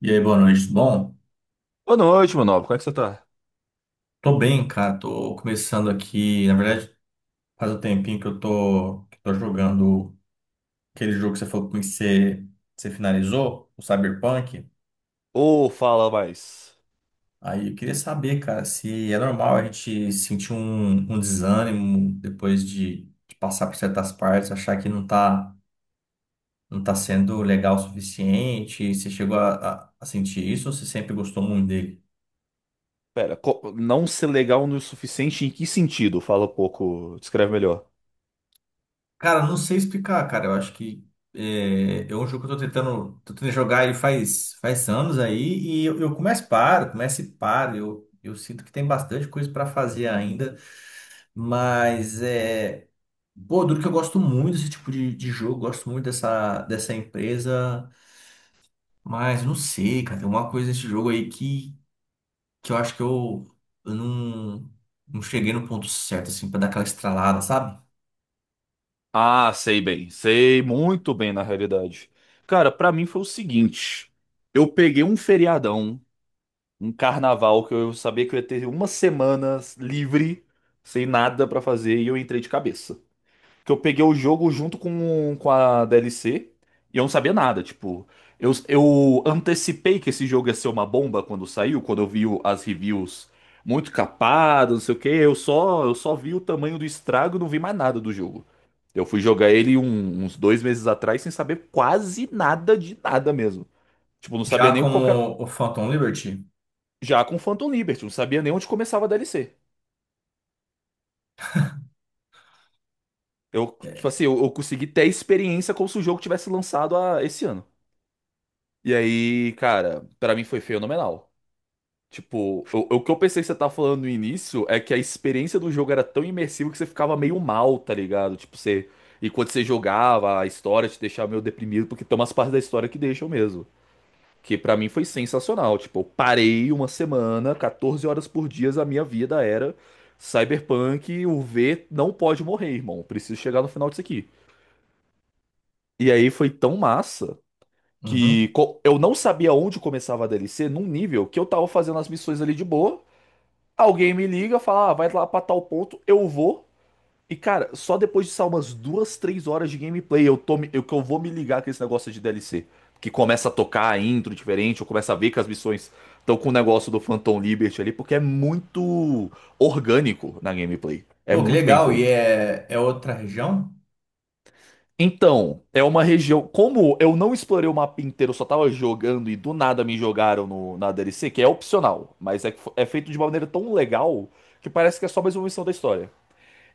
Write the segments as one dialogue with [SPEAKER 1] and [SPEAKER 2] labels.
[SPEAKER 1] E aí, boa noite. Tudo bom,
[SPEAKER 2] Boa noite, meu nobre. Como é que você tá?
[SPEAKER 1] tô bem, cara. Tô começando aqui. Na verdade, faz um tempinho que que tô jogando aquele jogo que você falou comigo que você finalizou, o Cyberpunk.
[SPEAKER 2] Ô, fala mais.
[SPEAKER 1] Aí eu queria saber, cara, se é normal a gente sentir um desânimo depois de passar por certas partes, achar que não tá sendo legal o suficiente. Você chegou a sentir isso ou você sempre gostou muito dele?
[SPEAKER 2] Pera, não ser legal no suficiente em que sentido? Fala um pouco, descreve melhor.
[SPEAKER 1] Cara, não sei explicar, cara. Eu acho que é um jogo que eu tô tentando jogar ele faz anos aí e eu começo e paro, começo e paro. Eu sinto que tem bastante coisa pra fazer ainda, mas é. Pô, duro que eu gosto muito desse tipo de jogo, gosto muito dessa empresa, mas não sei, cara. Tem uma coisa nesse jogo aí que eu acho que eu não cheguei no ponto certo, assim, pra dar aquela estralada, sabe?
[SPEAKER 2] Ah, sei bem. Sei muito bem, na realidade. Cara, pra mim foi o seguinte. Eu peguei um feriadão, um carnaval, que eu sabia que eu ia ter uma semana livre, sem nada pra fazer, e eu entrei de cabeça. Porque eu peguei o jogo junto com a DLC e eu não sabia nada. Tipo, eu antecipei que esse jogo ia ser uma bomba quando saiu, quando eu vi as reviews muito capadas, não sei o quê. Eu só vi o tamanho do estrago e não vi mais nada do jogo. Eu fui jogar ele uns dois meses atrás sem saber quase nada de nada mesmo. Tipo, não sabia
[SPEAKER 1] Já
[SPEAKER 2] nem qualquer.
[SPEAKER 1] como o Phantom Liberty.
[SPEAKER 2] Já com Phantom Liberty, não sabia nem onde começava a DLC. Eu, tipo
[SPEAKER 1] É.
[SPEAKER 2] assim, eu consegui ter a experiência como se o jogo tivesse lançado esse ano. E aí, cara, pra mim foi fenomenal. Tipo, o que eu pensei que você tava falando no início é que a experiência do jogo era tão imersiva que você ficava meio mal, tá ligado? Tipo, você. E quando você jogava, a história te deixava meio deprimido, porque tem umas partes da história que deixam mesmo. Que pra mim foi sensacional. Tipo, eu parei uma semana, 14 horas por dia, a minha vida era Cyberpunk, o V não pode morrer, irmão. Preciso chegar no final disso aqui. E aí foi tão massa
[SPEAKER 1] Uhum.
[SPEAKER 2] que eu não sabia onde começava a DLC num nível que eu tava fazendo as missões ali de boa. Alguém me liga, fala, ah, vai lá pra tal ponto, eu vou. E cara, só depois de só umas duas, três horas de gameplay eu tô, que eu vou me ligar com esse negócio de DLC. Que começa a tocar a intro diferente, eu começo a ver que as missões estão com o negócio do Phantom Liberty ali, porque é muito orgânico na gameplay. É
[SPEAKER 1] Pô, que
[SPEAKER 2] muito bem
[SPEAKER 1] legal. E
[SPEAKER 2] feito.
[SPEAKER 1] é outra região?
[SPEAKER 2] Então, é uma região. Como eu não explorei o mapa inteiro, eu só tava jogando e do nada me jogaram no, na DLC, que é opcional, mas é, que é feito de uma maneira tão legal que parece que é só mais uma missão da história.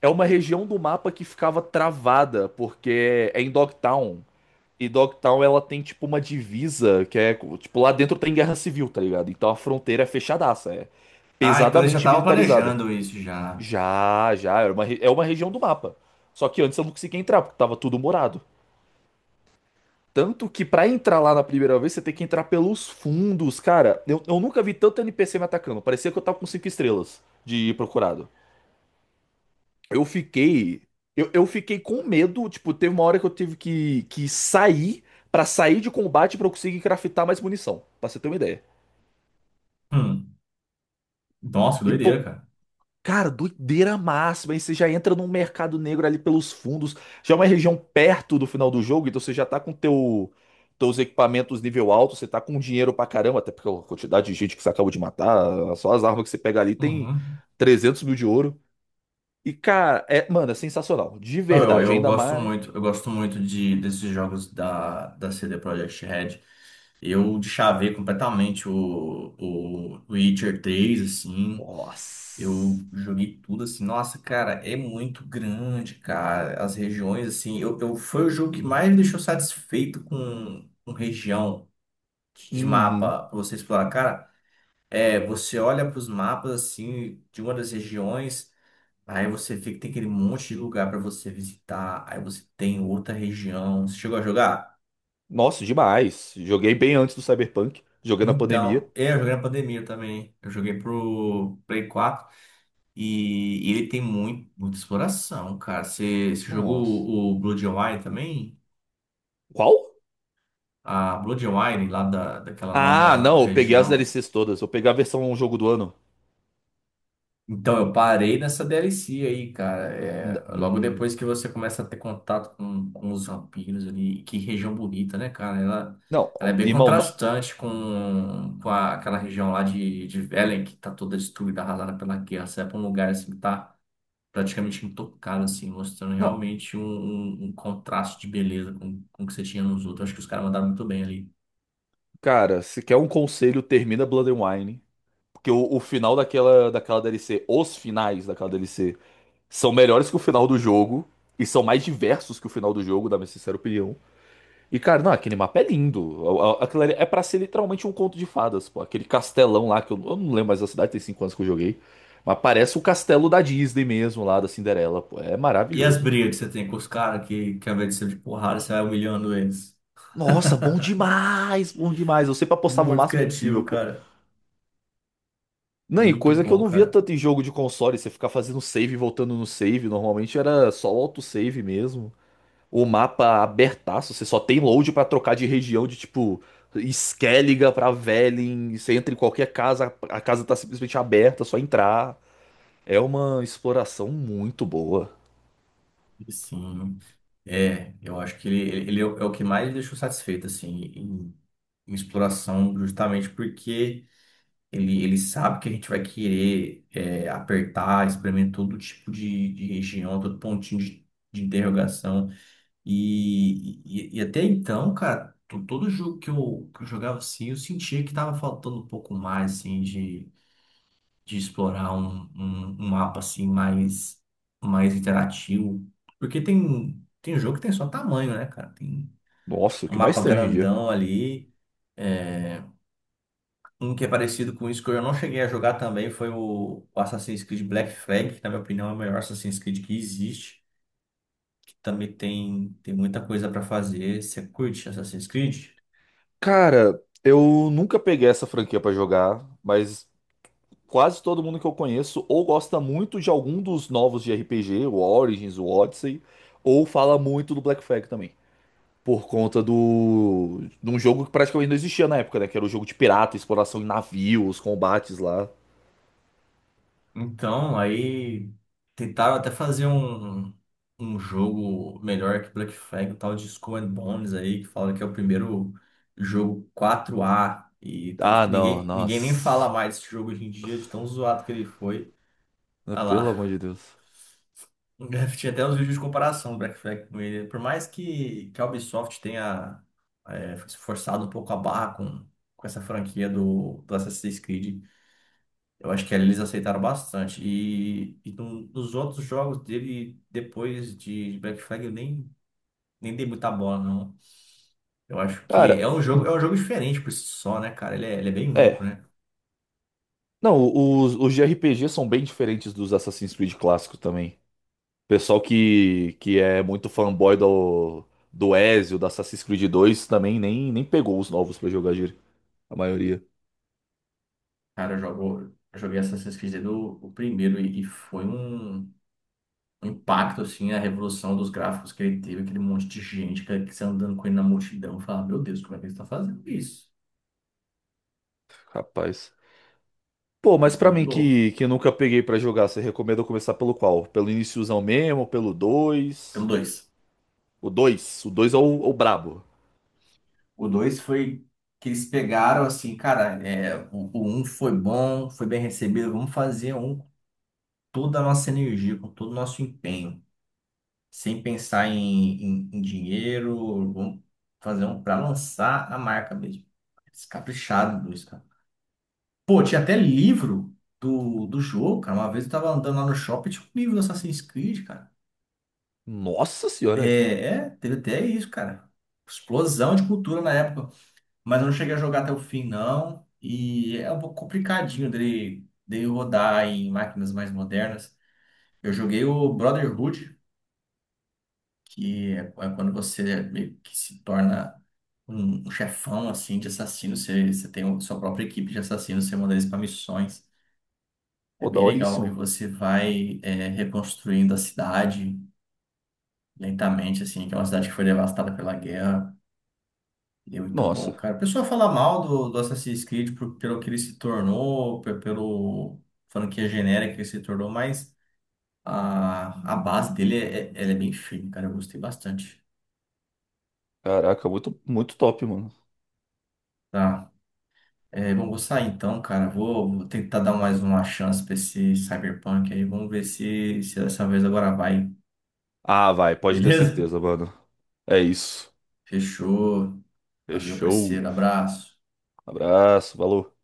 [SPEAKER 2] É uma região do mapa que ficava travada, porque é em Dogtown. E Dogtown ela tem tipo uma divisa que é. Tipo, lá dentro tem guerra civil, tá ligado? Então a fronteira é fechadaça, é
[SPEAKER 1] Ah, então eles já
[SPEAKER 2] pesadamente
[SPEAKER 1] estavam
[SPEAKER 2] militarizada.
[SPEAKER 1] planejando isso já.
[SPEAKER 2] Já, é uma, é uma região do mapa. Só que antes eu não conseguia entrar, porque tava tudo morado. Tanto que pra entrar lá na primeira vez, você tem que entrar pelos fundos, cara. Eu nunca vi tanto NPC me atacando. Parecia que eu tava com cinco estrelas de procurado. Eu fiquei. Eu fiquei com medo. Tipo, teve uma hora que eu tive que sair pra sair de combate pra eu conseguir craftar mais munição. Pra você ter uma ideia.
[SPEAKER 1] Hum. Nossa, que
[SPEAKER 2] E,
[SPEAKER 1] doideira,
[SPEAKER 2] pô,
[SPEAKER 1] cara.
[SPEAKER 2] cara, doideira máxima. Aí você já entra num mercado negro ali pelos fundos. Já é uma região perto do final do jogo, então você já tá com teus equipamentos nível alto, você tá com dinheiro pra caramba, até porque a quantidade de gente que você acabou de matar, só as armas que você pega ali tem
[SPEAKER 1] Uhum.
[SPEAKER 2] 300 mil de ouro. E, cara, é, mano, é sensacional. De
[SPEAKER 1] Não, eu,
[SPEAKER 2] verdade,
[SPEAKER 1] eu
[SPEAKER 2] ainda
[SPEAKER 1] gosto
[SPEAKER 2] mais.
[SPEAKER 1] muito, eu gosto muito de, desses jogos da CD Projekt Red. Eu deschavei completamente o Witcher 3 assim.
[SPEAKER 2] Nossa.
[SPEAKER 1] Eu joguei tudo assim. Nossa, cara, é muito grande, cara. As regiões, assim. Eu foi o jogo que mais me deixou satisfeito com região de
[SPEAKER 2] Uhum.
[SPEAKER 1] mapa pra você explorar. Cara, é, você olha para os mapas assim de uma das regiões, aí você vê que tem aquele monte de lugar para você visitar, aí você tem outra região. Você chegou a jogar?
[SPEAKER 2] Nossa, demais. Joguei bem antes do Cyberpunk. Joguei na pandemia.
[SPEAKER 1] Então, é, eu joguei na pandemia também. Eu joguei pro Play 4 e ele tem muito, muita exploração, cara. Você jogou
[SPEAKER 2] Nossa.
[SPEAKER 1] o Blood and Wine também?
[SPEAKER 2] Qual?
[SPEAKER 1] A Blood and Wine lá da, daquela
[SPEAKER 2] Ah,
[SPEAKER 1] nova
[SPEAKER 2] não, eu peguei as
[SPEAKER 1] região.
[SPEAKER 2] DLCs todas. Eu peguei a versão jogo do ano.
[SPEAKER 1] Então, eu parei nessa DLC aí, cara.
[SPEAKER 2] N-
[SPEAKER 1] É, logo
[SPEAKER 2] hum,
[SPEAKER 1] depois que você começa a ter contato com os vampiros ali, e que região bonita, né, cara? Ela,
[SPEAKER 2] Não,
[SPEAKER 1] ela é bem
[SPEAKER 2] irmão, não.
[SPEAKER 1] contrastante com, com aquela região lá de Velen, que tá toda destruída, arrasada pela guerra. Você vai pra um lugar assim que tá praticamente intocado, assim, mostrando
[SPEAKER 2] Não,
[SPEAKER 1] realmente um um contraste de beleza com o que você tinha nos outros. Acho que os caras mandaram muito bem ali.
[SPEAKER 2] cara, se quer um conselho, termina Blood and Wine. Porque o final daquela, daquela DLC, os finais daquela DLC, são melhores que o final do jogo. E são mais diversos que o final do jogo, da minha sincera opinião. E, cara, não, aquele mapa é lindo. Aquilo ali é pra ser literalmente um conto de fadas, pô. Aquele castelão lá, que eu não lembro mais da cidade, tem 5 anos que eu joguei. Mas parece o castelo da Disney mesmo, lá da Cinderela, pô. É
[SPEAKER 1] E as
[SPEAKER 2] maravilhoso.
[SPEAKER 1] brigas que você tem com os caras, que ao invés de ser de porrada, você vai humilhando eles.
[SPEAKER 2] Nossa, bom demais, bom demais. Eu sempre apostava o
[SPEAKER 1] Muito
[SPEAKER 2] máximo possível,
[SPEAKER 1] criativo,
[SPEAKER 2] pô.
[SPEAKER 1] cara.
[SPEAKER 2] Não, e
[SPEAKER 1] Muito
[SPEAKER 2] coisa que eu
[SPEAKER 1] bom,
[SPEAKER 2] não via
[SPEAKER 1] cara.
[SPEAKER 2] tanto em jogo de console, você ficar fazendo save e voltando no save, normalmente era só o autosave mesmo. O mapa abertaço, você só tem load pra trocar de região de tipo Skelliga pra Velen, você entra em qualquer casa, a casa tá simplesmente aberta, é só entrar. É uma exploração muito boa.
[SPEAKER 1] Sim, é, eu acho que ele é o que mais me deixou satisfeito, assim, em, em exploração, justamente porque ele sabe que a gente vai querer é, apertar, experimentar todo tipo de região, todo pontinho de interrogação. E até então, cara, todo jogo que eu jogava, assim, eu sentia que tava faltando um pouco mais, assim, de explorar um mapa assim mais interativo. Porque tem jogo que tem só tamanho, né, cara? Tem
[SPEAKER 2] Nossa, o
[SPEAKER 1] um
[SPEAKER 2] que mais
[SPEAKER 1] mapa
[SPEAKER 2] tem hoje em dia?
[SPEAKER 1] grandão ali. É, um que é parecido com isso que eu não cheguei a jogar também foi o Assassin's Creed Black Flag, que na minha opinião é o melhor Assassin's Creed que existe, que também tem, tem muita coisa para fazer. Você curte Assassin's Creed?
[SPEAKER 2] Cara, eu nunca peguei essa franquia pra jogar, mas quase todo mundo que eu conheço ou gosta muito de algum dos novos de RPG, o Origins, o Odyssey, ou fala muito do Black Flag também. Por conta do de um jogo que praticamente não existia na época, né? Que era o jogo de pirata, exploração em navios, combates lá.
[SPEAKER 1] Então, aí tentaram até fazer um jogo melhor que Black Flag, um tal de Skull and Bones aí, que fala que é o primeiro jogo 4A. E tanto
[SPEAKER 2] Ah,
[SPEAKER 1] que
[SPEAKER 2] não,
[SPEAKER 1] ninguém, ninguém nem fala
[SPEAKER 2] nossa.
[SPEAKER 1] mais desse jogo hoje em dia, de tão zoado que ele foi. Ah
[SPEAKER 2] Pelo amor
[SPEAKER 1] lá.
[SPEAKER 2] de Deus.
[SPEAKER 1] Tinha até uns vídeos de comparação do Black Flag com ele. Por mais que a Ubisoft tenha se forçado um pouco a barra com essa franquia do Assassin's Creed. Eu acho que ali eles aceitaram bastante. E nos outros jogos dele, depois de Black Flag, eu nem, nem dei muita bola, não. Eu acho que
[SPEAKER 2] Cara,
[SPEAKER 1] é um jogo diferente por si só, né, cara? Ele é bem
[SPEAKER 2] é.
[SPEAKER 1] único, né?
[SPEAKER 2] Não, os de RPG são bem diferentes dos Assassin's Creed clássicos também. Pessoal que é muito fanboy do, do Ezio, da Assassin's Creed 2, também nem pegou os novos pra jogar, gíria. A maioria.
[SPEAKER 1] Cara, eu joguei Assassin's Creed do, o primeiro e foi um impacto, assim, a revolução dos gráficos que ele teve, aquele monte de gente, cara, que você andando com ele na multidão, falar, meu Deus, como é que eles estão fazendo isso?
[SPEAKER 2] Rapaz. Pô,
[SPEAKER 1] Uma
[SPEAKER 2] mas pra
[SPEAKER 1] coisa de
[SPEAKER 2] mim
[SPEAKER 1] louco.
[SPEAKER 2] que nunca peguei pra jogar, você recomenda eu começar pelo qual? Pelo iniciozão mesmo, pelo
[SPEAKER 1] Pelo
[SPEAKER 2] dois?
[SPEAKER 1] dois.
[SPEAKER 2] O 2? O 2 é o brabo.
[SPEAKER 1] O dois foi que eles pegaram assim, cara, é, o um foi bom, foi bem recebido, vamos fazer um com toda a nossa energia, com todo o nosso empenho, sem pensar em dinheiro, vamos fazer um para lançar a marca mesmo. Descaprichado, dois, cara. Pô, tinha até livro do jogo, cara. Uma vez eu tava andando lá no shopping, tinha um livro do Assassin's Creed, cara.
[SPEAKER 2] Nossa
[SPEAKER 1] É,
[SPEAKER 2] senhora. É.
[SPEAKER 1] é, teve até isso, cara. Explosão de cultura na época. Mas eu não cheguei a jogar até o fim, não. E é um pouco complicadinho dele, dele rodar em máquinas mais modernas. Eu joguei o Brotherhood, que é quando você meio que se torna um chefão assim de assassinos. Você tem sua própria equipe de assassinos, você manda eles para missões. É
[SPEAKER 2] Pô,
[SPEAKER 1] bem legal. E
[SPEAKER 2] daoríssimo.
[SPEAKER 1] você vai é, reconstruindo a cidade lentamente, assim, que é uma cidade que foi devastada pela guerra. E é muito bom,
[SPEAKER 2] Nossa.
[SPEAKER 1] cara. O pessoal fala mal do Assassin's Creed pelo que ele se tornou, pelo franquia genérica que ele se tornou, mas a base dele é, ela é bem firme, cara. Eu gostei bastante.
[SPEAKER 2] Caraca, muito, muito top, mano.
[SPEAKER 1] Tá. É, bom, vou sair então, cara. Vou tentar dar mais uma chance pra esse Cyberpunk aí. Vamos ver se, se dessa vez agora vai.
[SPEAKER 2] Ah, vai, pode ter
[SPEAKER 1] Beleza?
[SPEAKER 2] certeza, mano. É isso.
[SPEAKER 1] Fechou. Valeu,
[SPEAKER 2] Fechou.
[SPEAKER 1] parceiro. Abraço.
[SPEAKER 2] Abraço, valeu.